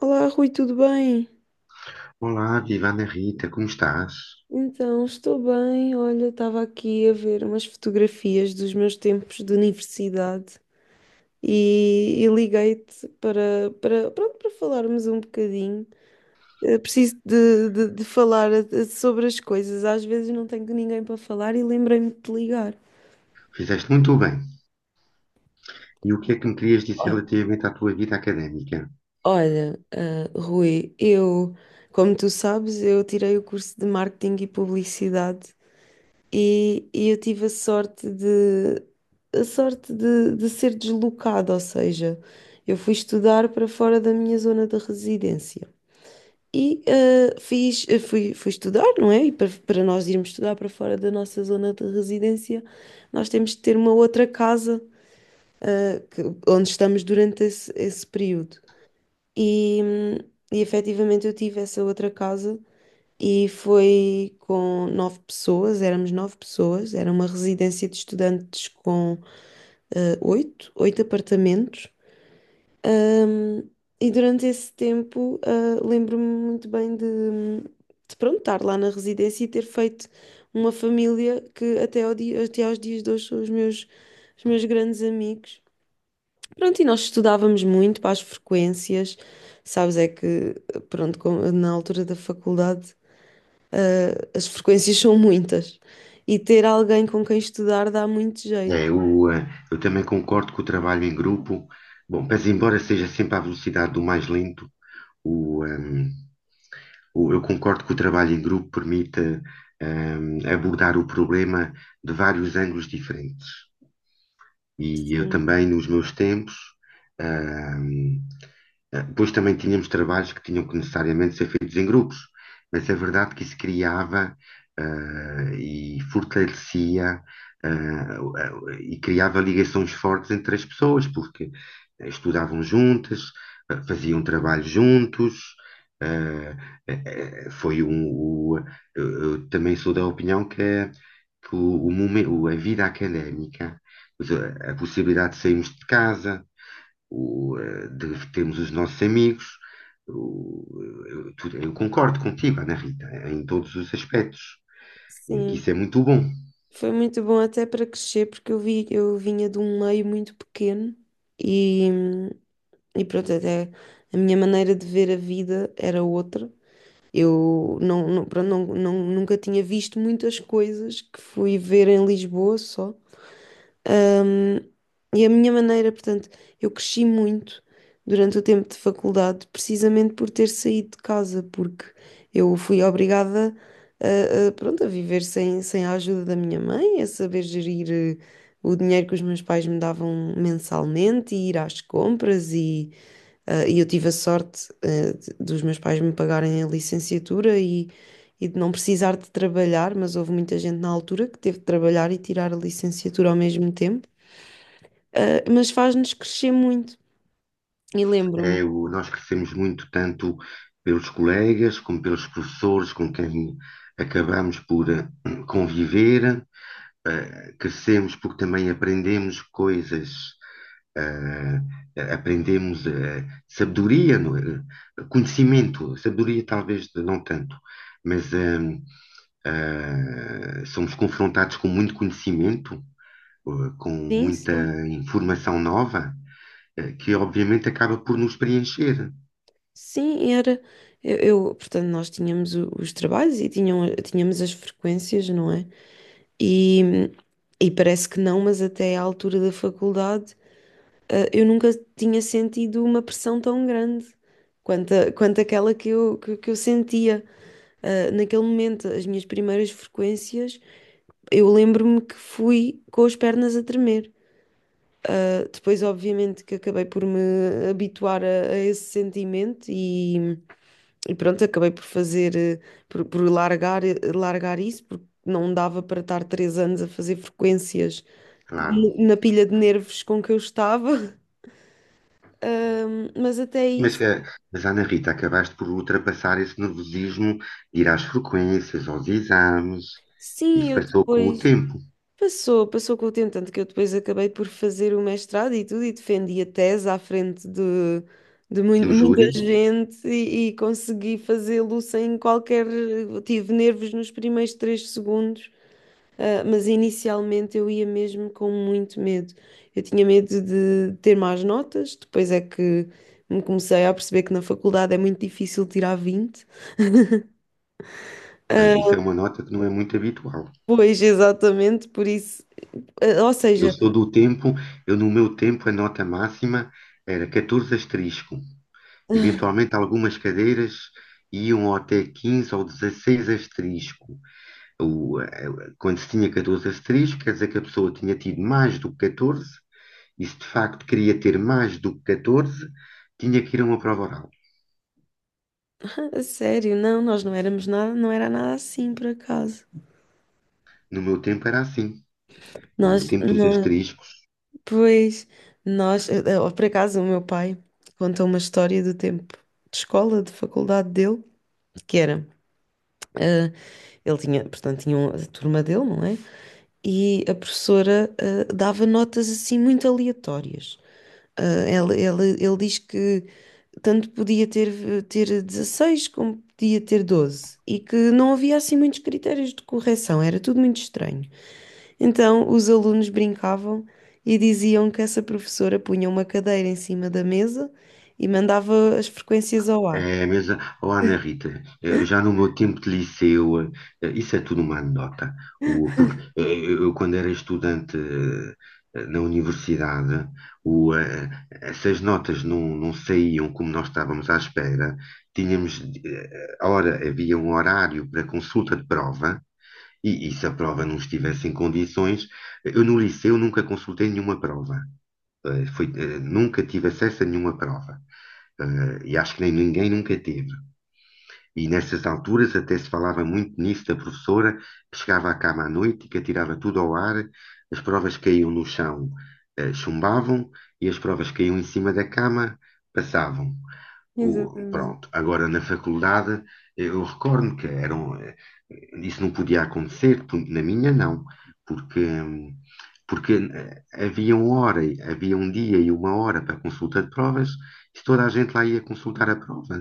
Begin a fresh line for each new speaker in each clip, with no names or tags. Olá, Rui, tudo bem?
Olá, viva Rita, como estás?
Então, estou bem. Olha, estava aqui a ver umas fotografias dos meus tempos de universidade e liguei-te para falarmos um bocadinho. Preciso de falar sobre as coisas. Às vezes não tenho ninguém para falar e lembrei-me de te ligar.
Fizeste muito bem. E o que é que me querias dizer
Olha,
relativamente à tua vida académica?
olha, Rui, eu, como tu sabes, eu tirei o curso de marketing e publicidade. E eu tive a sorte de ser deslocada, ou seja, eu fui estudar para fora da minha zona de residência. E fui estudar, não é? E para nós irmos estudar para fora da nossa zona de residência, nós temos de ter uma outra casa eh, que- onde estamos durante esse período. E, hum, e efetivamente eu tive essa outra casa e foi com nove pessoas, éramos nove pessoas, era uma residência de estudantes com oito apartamentos. E durante esse tempo, lembro-me muito bem de pronto, estar lá na residência e ter feito uma família que até aos dias de hoje são os meus grandes amigos. Pronto, e nós estudávamos muito para as frequências, sabes, é que, pronto, na altura da faculdade. As frequências são muitas. E ter alguém com quem estudar dá muito jeito.
É, o, eh, eu também concordo que o trabalho em grupo, bom, mas embora seja sempre à velocidade do mais lento, o, ehm, eu concordo que o trabalho em grupo permite, abordar o problema de vários ângulos diferentes. E eu
Sim,
também, nos meus tempos, ahm, depois também tínhamos trabalhos que tinham que necessariamente ser feitos em grupos, mas é verdade que isso criava, e fortalecia, e criava ligações fortes entre as pessoas, porque estudavam juntas, faziam trabalho juntos. eh, eh, eh, foi um, o- eu também sou da opinião que a vida académica a possibilidade de sairmos de casa, de termos os nossos amigos. o- eu concordo contigo, Ana Rita, em todos os aspectos, que
sim.
isso é muito bom.
Foi muito bom até para crescer, porque eu vinha de um meio muito pequeno e, e pronto, até a minha maneira de ver a vida era outra. Eu não, não, pronto, nunca tinha visto muitas coisas que fui ver em Lisboa só. Ahm, e a minha maneira, portanto, eu cresci muito durante o tempo de faculdade, precisamente por ter saído de casa, porque eu fui obrigada pronto, a viver sem a ajuda da minha mãe, a saber gerir o dinheiro que os meus pais me davam mensalmente e ir às compras. E eu tive a sorte, dos meus pais me pagarem a licenciatura e. E de não precisar de trabalhar, mas houve muita gente na altura que teve de trabalhar e tirar a licenciatura ao mesmo tempo. Mas faz-nos crescer muito. E lembro-me,
É, nós crescemos muito, tanto pelos colegas, como pelos professores com quem acabamos por conviver. Crescemos porque também aprendemos coisas Ah, Aprendemos sabedoria, não é? Conhecimento, sabedoria talvez não tanto, mas somos confrontados com muito conhecimento, com
sim,
muita
sim,
informação nova, que obviamente acaba por nos preencher,
sim, era. Portanto, nós tínhamos os trabalhos e tinham, tínhamos as frequências, não é? E, e parece que não, mas até à altura da faculdade, eu nunca tinha sentido uma pressão tão grande quanto, quanto aquela que eu sentia. Naquele momento, as minhas primeiras frequências, eu lembro-me que fui com as pernas a tremer. Depois, obviamente, que acabei por me habituar a esse sentimento e pronto, acabei por fazer, eh, por largar, eh, largar isso, porque não dava para estar 3 anos a fazer frequências
claro.
na pilha de nervos com que eu estava. Mas até
Mas,
isso,
ah, mas, Ana Rita, acabaste por ultrapassar esse nervosismo, ir às frequências, aos exames,
sim,
isso
eu
passou com o
depois.
tempo
Passou, passou com o tempo, tanto que eu depois acabei por fazer o mestrado e tudo, e defendi a tese à frente de, de mui-
do
muita
júri.
gente e consegui fazê-lo sem qualquer. Tive nervos nos primeiros 3 segundos, mas inicialmente eu ia mesmo com muito medo. Eu tinha medo de ter más notas, depois é que me comecei a perceber que na faculdade é muito difícil tirar 20.
Isso é uma nota que não é muito habitual.
Pois, exatamente, por isso. Ou
Eu
seja.
sou do tempo, eu no meu tempo a nota máxima era 14 asterisco. Eventualmente algumas cadeiras iam até 15 ou 16 asterisco. O, eh, Quando se tinha 14 asterisco, quer dizer que a pessoa tinha tido mais do que 14, e se de facto queria ter mais do que 14, tinha que ir a uma prova oral.
A sério, não, nós não éramos nada, não era nada assim, por acaso.
No meu tempo era assim. O
Nós,
tempo dos
não,
asteriscos.
pois, nós, por acaso, o meu pai conta uma história do tempo de escola, de faculdade dele, que era, eh, ele tinha, portanto, tinha a turma dele, não é? E a professora, dava notas assim muito aleatórias. Ele diz que tanto podia ter 16 como podia ter 12 e que não havia assim muitos critérios de correção, era tudo muito estranho. Então, os alunos brincavam e diziam que essa professora punha uma cadeira em cima da mesa e mandava as frequências ao ar.
É. Mas, oh, Ana Rita, eu já no meu tempo de liceu, isso é tudo uma anedota. Porque eu, quando era estudante na universidade, essas notas não saíam como nós estávamos à espera. Tínhamos, havia um horário para consulta de prova, e se a prova não estivesse em condições, eu no liceu nunca consultei nenhuma prova. Nunca tive acesso a nenhuma prova e acho que nem ninguém nunca teve. E nessas alturas até se falava muito nisso da professora que chegava à cama à noite e que atirava tudo ao ar, as provas caíam no chão, chumbavam e as provas caíam em cima da cama, passavam.
Exatamente.
Agora na faculdade, eu recordo que eram, isso não podia acontecer, na minha não, porque, hum, porque havia uma hora, havia um dia e uma hora para consulta de provas, se toda a gente lá ia consultar a prova,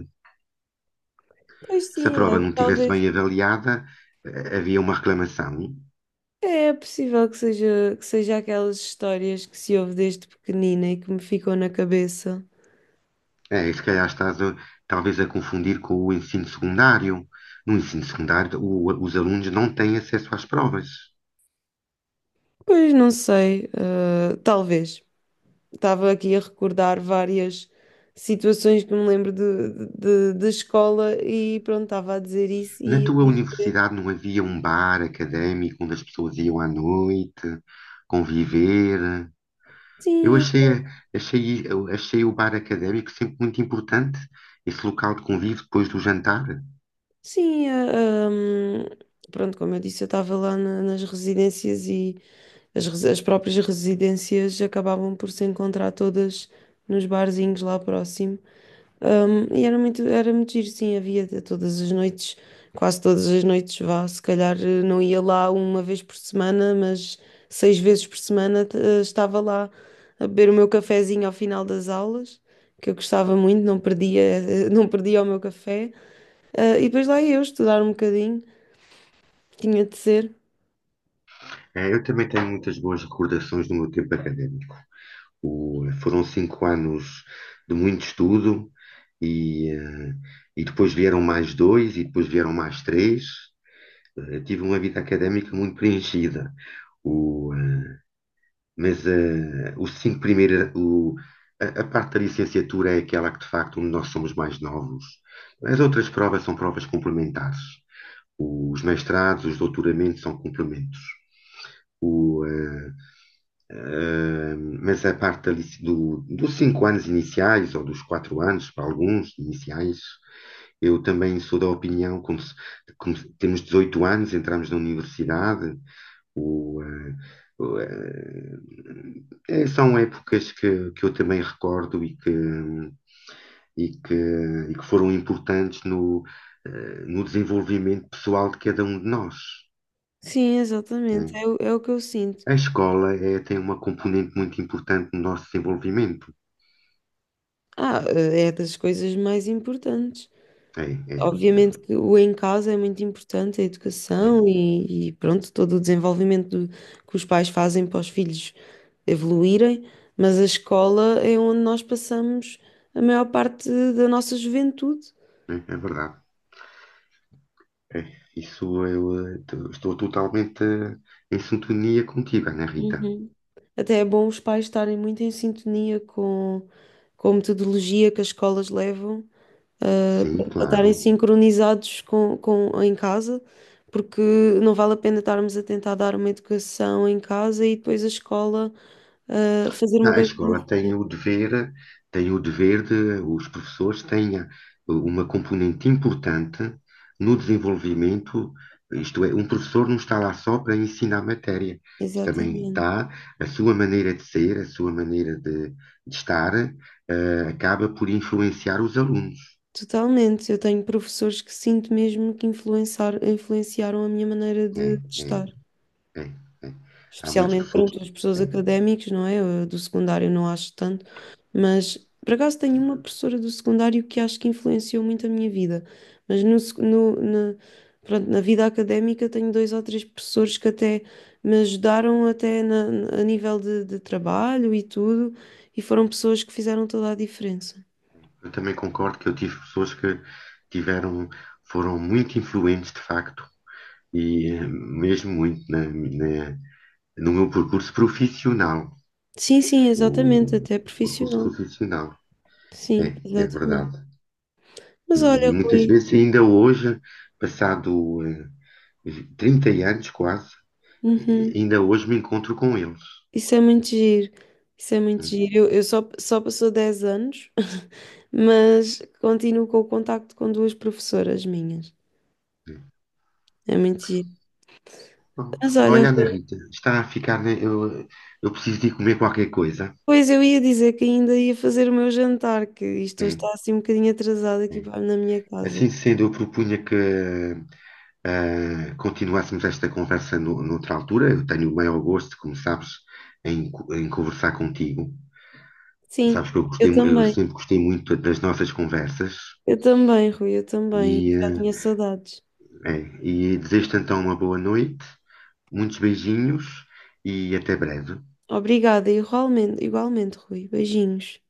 Pois
se a
sim,
prova
é,
não estivesse
talvez.
bem avaliada, havia uma reclamação.
É possível que seja aquelas histórias que se ouve desde pequenina e que me ficam na cabeça.
É, e se calhar talvez a confundir com o ensino secundário. No ensino secundário, os alunos não têm acesso às provas.
Pois não sei, talvez. Estava aqui a recordar várias situações que me lembro de escola e pronto, estava a dizer isso
Na
e a
tua
dizer
universidade não havia um bar académico onde as pessoas iam à noite conviver. Eu
sim.
achei, eu achei o bar académico sempre muito importante, esse local de convívio depois do jantar.
Sim, a, hum, pronto, como eu disse, eu estava lá nas residências e as próprias residências acabavam por se encontrar todas nos barzinhos lá próximo. E era muito giro, sim, havia de todas as noites, quase todas as noites, vá, se calhar não ia lá uma vez por semana, mas 6 vezes por semana estava lá a beber o meu cafezinho ao final das aulas, que eu gostava muito, não perdia, não perdia o meu café. E depois lá ia eu estudar um bocadinho, tinha de ser.
É, eu também tenho muitas boas recordações do meu tempo académico. Foram 5 anos de muito estudo e, eh, e depois vieram mais dois e depois vieram mais três. Eu tive uma vida académica muito preenchida. O, eh, mas os cinco primeiros, a parte da licenciatura é aquela que de facto onde nós somos mais novos. As outras provas são provas complementares. Os mestrados, os doutoramentos são complementos. Mas a parte dos 5 anos iniciais, ou dos 4 anos, para alguns iniciais, eu também sou da opinião, como se- temos 18 anos, entramos na universidade, o, eh, o, eh, são épocas que eu também recordo e que, e que foram importantes no, no desenvolvimento pessoal de cada um de nós.
Sim, exatamente,
Né?
é, é o que eu sinto.
A escola tem uma componente muito importante no nosso desenvolvimento.
É das coisas mais importantes.
É, é,
Obviamente
é,
que o em casa é muito importante, a
é,
educação e pronto, todo o desenvolvimento que os pais fazem para os filhos evoluírem, mas a escola é onde nós passamos a maior parte da nossa juventude.
é verdade. É, isso eu estou totalmente em sintonia contigo, Ana Rita.
Uhum. Até é bom os pais estarem muito em sintonia com a metodologia que as escolas levam
Sim,
para estarem
claro.
sincronizados em casa, porque não vale a pena estarmos a tentar dar uma educação em casa e depois a escola fazer
Ah,
uma
A
coisa
escola
diferente.
tem o dever de os professores tenha uma componente importante no desenvolvimento. Isto é, um professor não está lá só para ensinar matéria. Também
Exatamente.
está a sua maneira de ser, a sua maneira de estar, acaba por influenciar os alunos.
Totalmente. Eu tenho professores que sinto mesmo que influenciaram a minha maneira
É,
de
é.
estar.
É, é. Há muitas
Especialmente,
pessoas.
pronto, as
que-
pessoas
é.
académicas, não é? Eu do secundário não acho tanto, mas por acaso tenho uma professora do secundário que acho que influenciou muito a minha vida. Mas pronto, na vida académica tenho dois ou três professores que até me ajudaram até a nível de trabalho e tudo, e foram pessoas que fizeram toda a diferença.
Eu também concordo que eu tive pessoas que tiveram, foram muito influentes de facto, e mesmo muito no meu percurso profissional.
Sim, sim, exatamente,
O
até
percurso
profissional.
profissional, é,
Sim,
é
exatamente.
verdade.
Mas olha,
E muitas
Rui,
vezes, ainda hoje, passado 30 anos quase,
uhum.
ainda hoje me encontro com eles.
Isso é muito giro. Isso é muito
Né?
giro. Eu só, só passou 10 anos, mas continuo com o contacto com duas professoras minhas. É muito giro. Mas
Pronto.
olha,
Olha, Ana
Rui,
Rita, está a ficar. Né, eu preciso de ir comer qualquer coisa.
pois eu ia dizer que ainda ia fazer o meu jantar, que isto hoje
É,
está assim um bocadinho atrasado aqui
Sim.
na minha casa.
Assim sendo, eu propunha que continuássemos esta conversa no, noutra altura. Eu tenho o maior gosto, como sabes, em conversar contigo.
Sim,
Sabes que eu
eu
gostei, eu
também.
sempre gostei muito das nossas conversas.
Eu também, Rui, eu também.
E,
Já tinha
ah,
saudades.
e desejo-te então uma boa noite, muitos beijinhos e até breve.
Obrigada, igualmente, igualmente, Rui. Beijinhos.